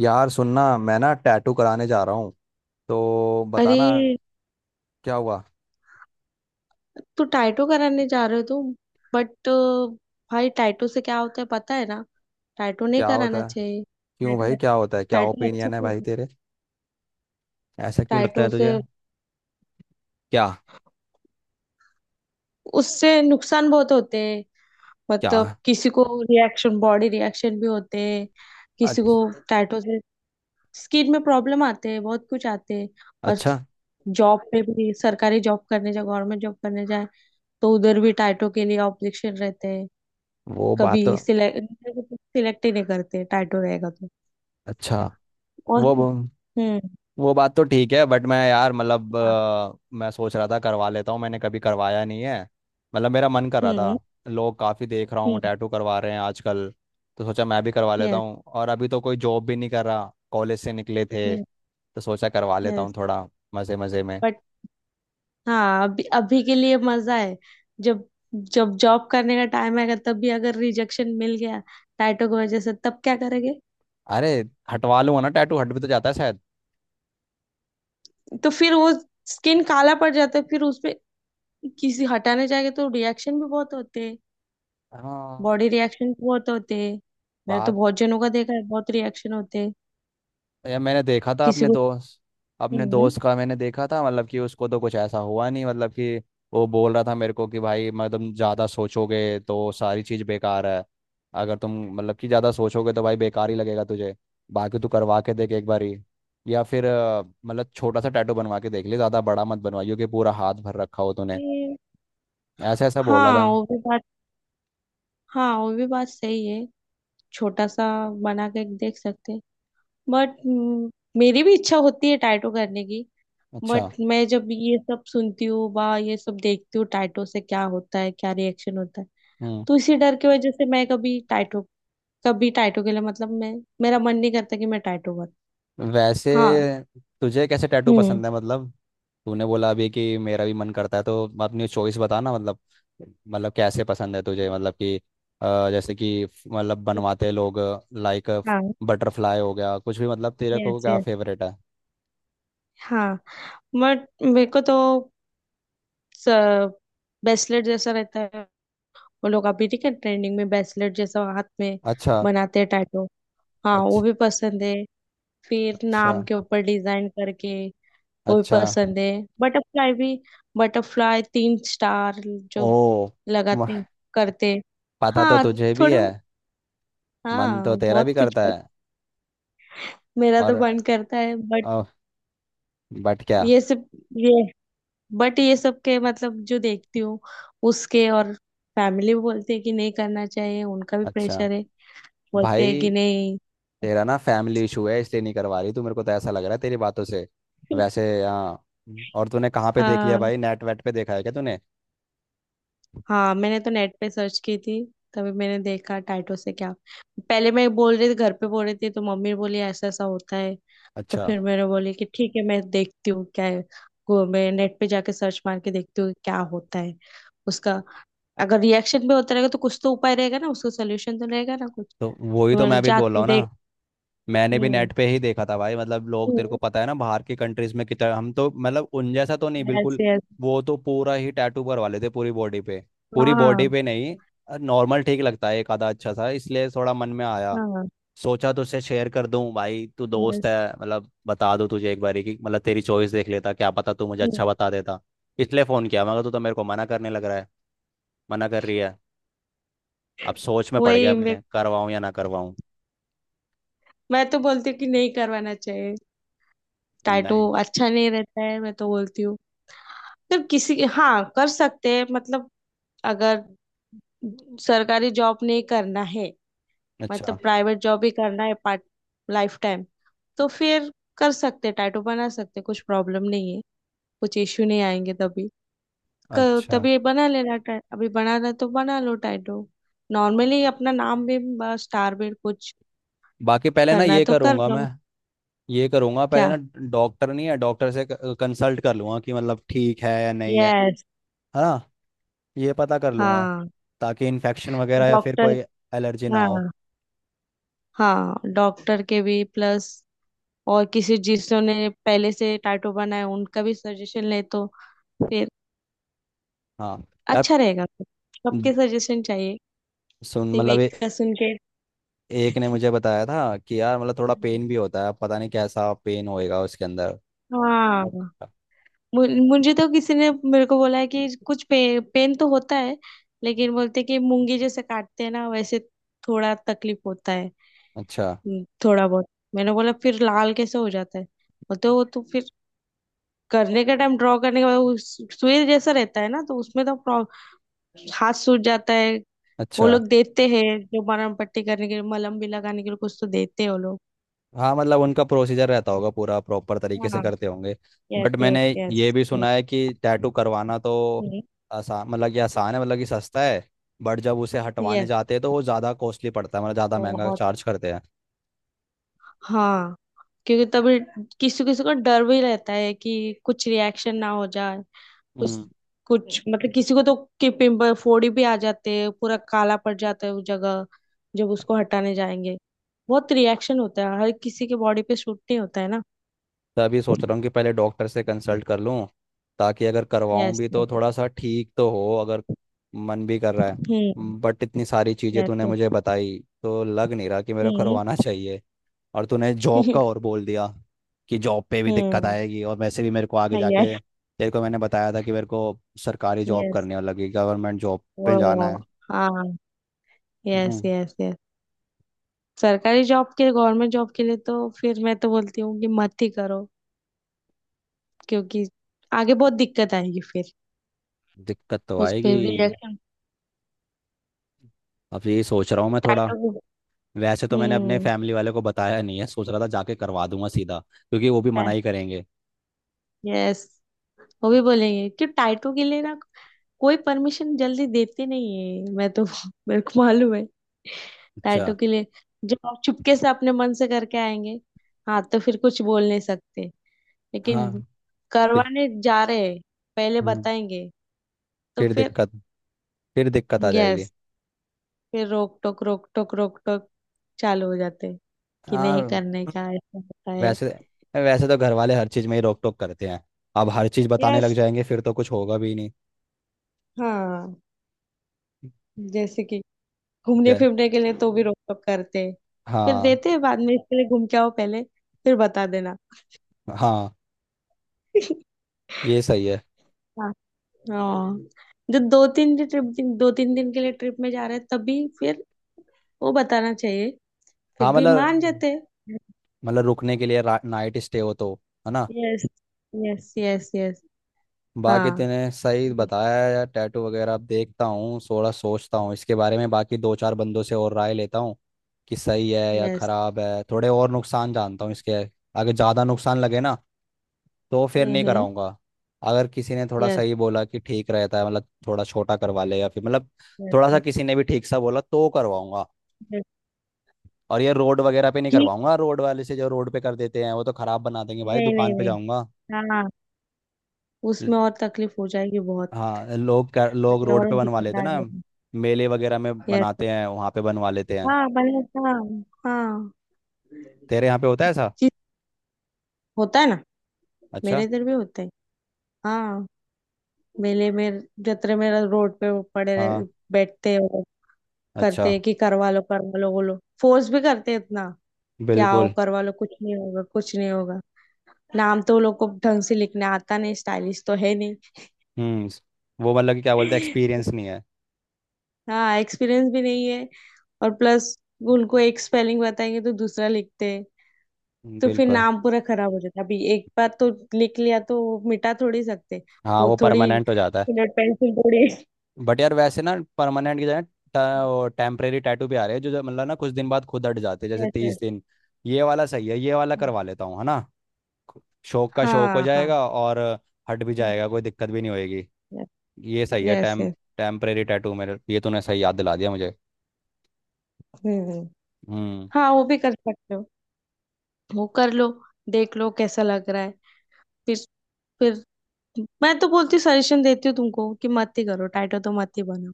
यार सुनना, मैं ना टैटू कराने जा रहा हूँ, तो अरे, बताना। क्या हुआ। तो टाइटो कराने जा रहे हो तुम? बट भाई, टाइटो से क्या होता है पता है ना? टाइटो नहीं क्या कराना होता है। चाहिए। क्यों टाइटो भाई, क्या होता है? क्या टाइटो अच्छा ओपिनियन है भाई होता है। तेरे? ऐसा क्यों लगता टाइटो है से, तुझे? क्या। उससे नुकसान बहुत होते हैं। क्या। मतलब किसी को रिएक्शन, बॉडी रिएक्शन भी होते हैं। किसी को अच- टाइटो से स्किन में प्रॉब्लम आते हैं, बहुत कुछ आते हैं। और अच्छा। जॉब पे भी, सरकारी जॉब करने जाए, गवर्नमेंट जॉब करने जाए तो उधर भी टाइटो के लिए ऑब्जेक्शन रहते हैं। वो कभी बात तो। सिलेक्ट सिलेक्ट ही नहीं करते टाइटो रहेगा तो। अच्छा। और वो हम्म। वो बात तो ठीक है, बट मैं यार, मतलब हाँ। मैं सोच रहा था करवा लेता हूँ, मैंने कभी करवाया नहीं है। मतलब मेरा मन कर रहा हम्म। था। लोग काफ़ी देख रहा हूँ हम्म। टैटू करवा रहे हैं आजकल। तो सोचा मैं भी करवा लेता यस, हूँ, और अभी तो कोई जॉब भी नहीं कर रहा, कॉलेज से निकले थे यस, तो सोचा करवा लेता यस। हूँ थोड़ा, मज़े मज़े में। बट हाँ, अभी अभी के लिए मजा है। जब जब जॉब करने का टाइम आएगा, तब भी अगर रिजेक्शन मिल गया टाइटो की वजह से, तब क्या करेंगे? अरे, हटवा लूंगा ना, टैटू हट भी तो जाता है शायद। तो फिर वो स्किन काला पड़ जाता है, फिर उसपे किसी हटाने जाएंगे तो रिएक्शन भी बहुत होते हैं। हाँ। बॉडी रिएक्शन भी बहुत होते हैं। मैंने तो बात। बहुत जनों का देखा है, बहुत रिएक्शन होते हैं या मैंने देखा था किसी को। अपने हम्म। दोस्त का मैंने देखा था, मतलब कि उसको तो कुछ ऐसा हुआ नहीं, मतलब कि वो बोल रहा था मेरे को कि भाई, मतलब ज़्यादा सोचोगे तो सारी चीज़ बेकार है। अगर तुम मतलब कि ज़्यादा सोचोगे तो भाई बेकार ही लगेगा तुझे। बाकी तू करवा के देख एक बार ही। या फिर मतलब छोटा सा टैटू बनवा के देख ले, ज़्यादा बड़ा मत बनवाइयो कि पूरा हाथ भर रखा हो तूने। ऐसा ऐसा बोला था। हाँ, वो भी बात। हाँ, वो भी बात सही है। छोटा सा बना के देख सकते हैं। बट मेरी भी इच्छा होती है टाइटो करने की। अच्छा। बट मैं जब ये सब सुनती हूँ, बा ये सब देखती हूँ, टाइटो से क्या होता है, क्या रिएक्शन होता है, हम्म। तो इसी डर की वजह से मैं कभी टाइटो, कभी टाइटो के लिए मतलब मैं, मेरा मन नहीं करता कि मैं टाइटो कर। वैसे हाँ। तुझे कैसे टैटू हम्म। पसंद है मतलब? तूने बोला अभी कि मेरा भी मन करता है, तो अपनी चॉइस बता ना मतलब। मतलब कैसे पसंद है तुझे, मतलब कि। जैसे कि मतलब बनवाते लोग। लाइक हाँ। बटरफ्लाई हो गया, कुछ भी, मतलब तेरे को यस, क्या यस। फेवरेट है? हाँ। बट मेरे को तो बेसलेट जैसा रहता है, वो लोग अभी ठीक है ट्रेंडिंग में, ब्रेसलेट जैसा हाथ में अच्छा। बनाते हैं टैटू। हाँ, वो अच्छा। भी पसंद है। फिर अच्छा। नाम के ऊपर डिजाइन करके, वो भी अच्छा। पसंद है। बटरफ्लाई भी, बटरफ्लाई तीन स्टार ओ। जो लगाते म- हैं, करते हैं। पता तो हाँ तुझे भी थोड़े, है। मन तो हाँ तेरा भी बहुत कुछ करता है। मेरा और तो मन करता है, बट बट क्या? ये सब ये बट ये सब के मतलब जो देखती हूँ उसके, और फैमिली बोलते हैं कि नहीं करना चाहिए, उनका भी अच्छा। प्रेशर है। बोलते हैं भाई, कि नहीं। तेरा ना फैमिली इशू है, इसलिए नहीं करवा रही तू, मेरे को तो ऐसा लग रहा है तेरी बातों से। वैसे हाँ। और तूने कहाँ पे देख लिया आ, भाई, नेट वेट पे देखा है क्या तूने? हाँ, मैंने तो नेट पे सर्च की थी, तभी मैंने देखा टाइटो से क्या। पहले मैं बोल रही थी, घर पे बोल रही थी तो मम्मी बोली ऐसा ऐसा होता है। तो अच्छा। फिर मैंने बोली कि ठीक है, मैं देखती हूँ क्या है। गो, मैं नेट पे जाके सर्च मार के देखती हूँ क्या होता है उसका। अगर रिएक्शन भी होता रहेगा तो कुछ तो उपाय रहेगा ना, उसका सोल्यूशन तो रहेगा ना कुछ। तो वही तो तो मैंने मैं भी जा बोल रहा तू हूँ देख। ना। मैंने भी हम्म। नेट पे ही देखा था भाई, मतलब लोग, तेरे को पता है ना, बाहर की कंट्रीज में कितना, हम तो मतलब उन जैसा तो नहीं यस, बिल्कुल। यस। वो तो पूरा ही टैटू करवा लेते पूरी बॉडी पे। पूरी बॉडी हाँ। पे नहीं। नॉर्मल ठीक लगता है एक आधा अच्छा सा, इसलिए थोड़ा मन में आया। हाँ। सोचा तो उसे शेयर कर दूं, भाई तू दोस्त यस। है। मतलब बता दूं तुझे एक बारी कि मतलब तेरी चॉइस देख लेता, क्या पता तू मुझे अच्छा बता देता। इसलिए फ़ोन किया, मगर तू तो मेरे को मना करने लग रहा है। मना कर रही है। अब सोच में पड़ गया वही मैं मैं, करवाऊं या ना करवाऊं। मैं तो बोलती हूँ कि नहीं करवाना चाहिए। टैटू नहीं। अच्छा नहीं रहता है, मैं तो बोलती हूँ। मतलब किसी, हाँ कर सकते हैं मतलब। अगर सरकारी जॉब नहीं करना है, मतलब अच्छा। प्राइवेट जॉब ही करना है पार्ट, लाइफ टाइम, तो फिर कर सकते हैं, टैटू बना सकते हैं, कुछ प्रॉब्लम नहीं है, कुछ इश्यू नहीं आएंगे तभी। अच्छा। तभी बना लेना। अभी बनाना है तो बना लो टैटू। नॉर्मली अपना नाम भी, स्टार भी, कुछ बाकी पहले ना करना है ये तो कर करूंगा मैं। लो। ये करूंगा पहले क्या? ना। डॉक्टर नहीं है, डॉक्टर से कंसल्ट कर लूंगा कि मतलब ठीक है या नहीं है। यस। है ना। ये पता कर लूंगा, हाँ। ताकि इन्फेक्शन वगैरह या फिर डॉक्टर। कोई एलर्जी ना हो। हाँ। हाँ, डॉक्टर के भी प्लस और किसी जिन्होंने पहले से टाटू बनाए उनका भी सजेशन ले तो फिर हाँ। यार, अच्छा रहेगा। सबके सजेशन चाहिए, सुन सिर्फ मतलब, एक ये का सुन के। एक ने मुझे बताया था कि यार, मतलब थोड़ा पेन भी होता है, पता नहीं कैसा पेन होएगा उसके अंदर। हाँ। मु- मुझे तो किसी ने मेरे को बोला है कि पेन तो होता है, लेकिन बोलते कि मूंगी जैसे काटते हैं ना, वैसे थोड़ा तकलीफ होता है। अच्छा। थोड़ा बहुत। मैंने बोला फिर लाल कैसे हो जाता है, बोलते वो तो फिर करने का टाइम, ड्रॉ करने का बाद वो सुई जैसा रहता है ना, तो उसमें तो हाथ सूज जाता है। वो अच्छा। लोग देते हैं जो मरहम पट्टी करने के लिए, मलहम भी लगाने के लिए कुछ तो देते हैं वो लोग। हाँ मतलब उनका प्रोसीजर रहता होगा पूरा, प्रॉपर तरीके से हाँ। करते होंगे। यस, बट यस, मैंने यस। ये भी सुना है कि टैटू करवाना तो आसान, मतलब कि आसान है, मतलब कि सस्ता है। बट जब उसे हटवाने यस। जाते हैं तो वो ज़्यादा कॉस्टली पड़ता है, मतलब ज़्यादा महंगा बहुत। चार्ज करते हाँ। क्योंकि तभी किसी किसी को डर भी रहता है कि कुछ रिएक्शन ना हो जाए। कुछ हैं। कुछ मतलब किसी को तो कि पिंपल फोड़ी भी आ जाते हैं, पूरा काला पड़ जाता है वो जगह, जब उसको हटाने जाएंगे। बहुत रिएक्शन होता है, हर किसी के बॉडी पे शूट नहीं होता है ना। तो अभी सोच रहा हूँ कि पहले डॉक्टर से कंसल्ट कर लूँ, ताकि अगर करवाऊँ यस। भी तो थोड़ा सा ठीक तो हो, अगर मन भी कर रहा है। हम्म। बट इतनी सारी चीज़ें तूने यस। मुझे बताई, तो लग नहीं रहा कि मेरे को हम्म। करवाना चाहिए। और तूने जॉब का और बोल दिया कि जॉब पे भी दिक्कत हम्म। आएगी, और वैसे भी मेरे को आगे यस, जाके, तेरे को मैंने बताया था कि मेरे को सरकारी जॉब यस। करनी, और लगी गवर्नमेंट जॉब पे जाना वो, है। हाँ। Yes, hmm. Yes, yes. सरकारी जॉब के, गवर्नमेंट जॉब के लिए तो फिर मैं तो बोलती हूँ कि मत ही करो, क्योंकि आगे बहुत दिक्कत आएगी फिर। दिक्कत तो उस पे आएगी। रिजेक्शन, अब यही सोच रहा हूँ मैं थोड़ा। टाइटो को। वैसे तो मैंने अपने हम्म। फैमिली वाले को बताया नहीं है, सोच रहा था जाके करवा दूंगा सीधा, क्योंकि वो भी मना ही करेंगे। यस। वो भी बोलेंगे कि टाइटो के लिए ना कोई परमिशन जल्दी देते नहीं है। मैं तो मेरे को मालूम है, अच्छा। टैटू के लिए जब आप चुपके से अपने मन से करके आएंगे, हाँ तो फिर कुछ बोल नहीं सकते। हाँ। लेकिन फि- करवाने जा रहे हैं, पहले हम्म। बताएंगे तो फिर फिर। दिक्कत फिर दिक्कत आ जाएगी। यस। फिर रोक टोक चालू हो जाते हैं कि नहीं हाँ। करने का, ऐसा होता है। वैसे वैसे तो घर वाले हर चीज़ में ही रोक टोक करते हैं। अब हर चीज़ बताने लग यस। जाएंगे, फिर तो कुछ होगा भी नहीं। हाँ। जैसे कि घूमने जय। फिरने के लिए तो भी रोक टोक करते हैं, फिर हाँ। देते हैं बाद में, इसके लिए घूम के आओ पहले, फिर बता देना। हाँ। ये सही है। हाँ। हाँ। जो दो तीन दिन ट्रिप दिन दो तीन दिन के लिए ट्रिप में जा रहे हैं, तभी फिर वो बताना चाहिए, फिर हाँ भी मान मतलब, जाते हैं। रुकने के लिए नाइट स्टे हो तो, है ना। Yes, yes, yes. यस। हाँ। बाकी तूने सही बताया है यार, टैटू वगैरह अब देखता हूँ, थोड़ा सोचता हूँ इसके बारे में, बाकी दो चार बंदों से और राय लेता हूँ कि सही है या यस। खराब है, थोड़े और नुकसान जानता हूँ इसके। अगर ज़्यादा नुकसान लगे ना, तो फिर नहीं हम्म। कराऊंगा। अगर किसी ने थोड़ा यस, सही बोला कि ठीक रहता है, मतलब थोड़ा छोटा करवा ले, या फिर मतलब थोड़ा सा यस, किसी ने भी ठीक सा बोला तो करवाऊंगा। यस। और ये रोड वगैरह पे नहीं ठीक। करवाऊंगा, रोड वाले से, जो रोड पे कर देते हैं वो तो खराब बना देंगे भाई, नहीं, नहीं, दुकान पे नहीं। जाऊंगा। हाँ। उसमें और तकलीफ हो जाएगी बहुत, हाँ, लोग रोड और पे बनवा दिक्कत लेते हैं आ ना। जाएगी। मेले वगैरह में यस। बनाते हैं, वहाँ पे बनवा लेते हैं। हाँ भले। हाँ। हाँ। तेरे यहाँ पे होता है ऐसा? होता है ना, मेरे अच्छा। इधर भी होता है। हाँ, मेले में, जत्रे में रोड पे वो हाँ। बैठते हैं और करते अच्छा। हैं कि करवा लो, करवा लो। वो लोग फोर्स भी करते हैं इतना कि आओ, बिल्कुल। करवा लो, कुछ नहीं होगा, कुछ नहीं होगा। नाम तो वो लोग को ढंग से लिखना आता नहीं, स्टाइलिश तो है नहीं। हम्म। वो मतलब कि क्या बोलते हैं, एक्सपीरियंस नहीं है। हाँ, एक्सपीरियंस भी नहीं है। और प्लस, उनको एक स्पेलिंग बताएंगे तो दूसरा लिखते हैं, तो फिर बिल्कुल। नाम पूरा खराब हो जाता है। अभी एक बार तो लिख लिया तो वो मिटा थोड़ी सकते, हाँ वो वो थोड़ी परमानेंट हो जाता है। पेंसिल थोड़ी। बट यार वैसे ना, परमानेंट की जगह टेम्परेरी टैटू भी आ रहे हैं, जो जो मतलब ना कुछ दिन बाद खुद हट जाते हैं, जैसे तीस यस। दिन ये वाला सही है, ये वाला करवा लेता हूँ, है ना। शौक का शौक हो हाँ, हाँ। जाएगा, और हट भी जाएगा, कोई दिक्कत भी नहीं होगी। यस, ये सही है, यस। टेम्परेरी टैटू, मेरे, ये तूने सही याद दिला दिया मुझे। हम्म। हम्म। हाँ, वो भी कर सकते हो। वो कर लो, देख लो कैसा लग रहा है। फिर फिर मैं तो बोलती, सजेशन देती हूँ तुमको कि मत ही करो, टाइटो तो मत ही बनाओ।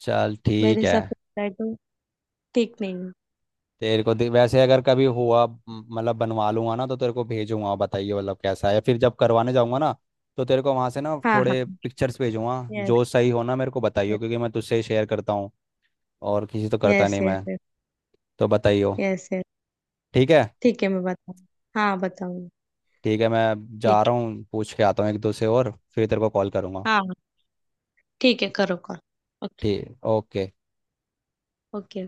चल मेरे ठीक है। हिसाब से टाइटो ठीक नहीं है। वैसे अगर कभी हुआ, मतलब बनवा लूंगा ना, तो तेरे को भेजूंगा, बताइए मतलब कैसा है, फिर जब करवाने जाऊंगा ना, तो तेरे को वहां से ना हाँ, थोड़े हाँ। पिक्चर्स भेजूंगा, यस, जो सही हो ना मेरे को बताइयो, क्योंकि मैं तुझसे ही शेयर करता हूँ, और किसी से तो करता यस, नहीं यस। मैं। यस, तो बताइयो। Yes, yes. ठीक है। ठीक है, मैं बताऊँ। हाँ, बताऊंगी। ठीक है, मैं जा ठीक है। रहा हूँ, पूछ के आता हूँ एक दो से, और फिर तेरे को कॉल करूंगा। हाँ, हाँ, ठीक है, करो करो, ओके। ठीक, ओके। ओके।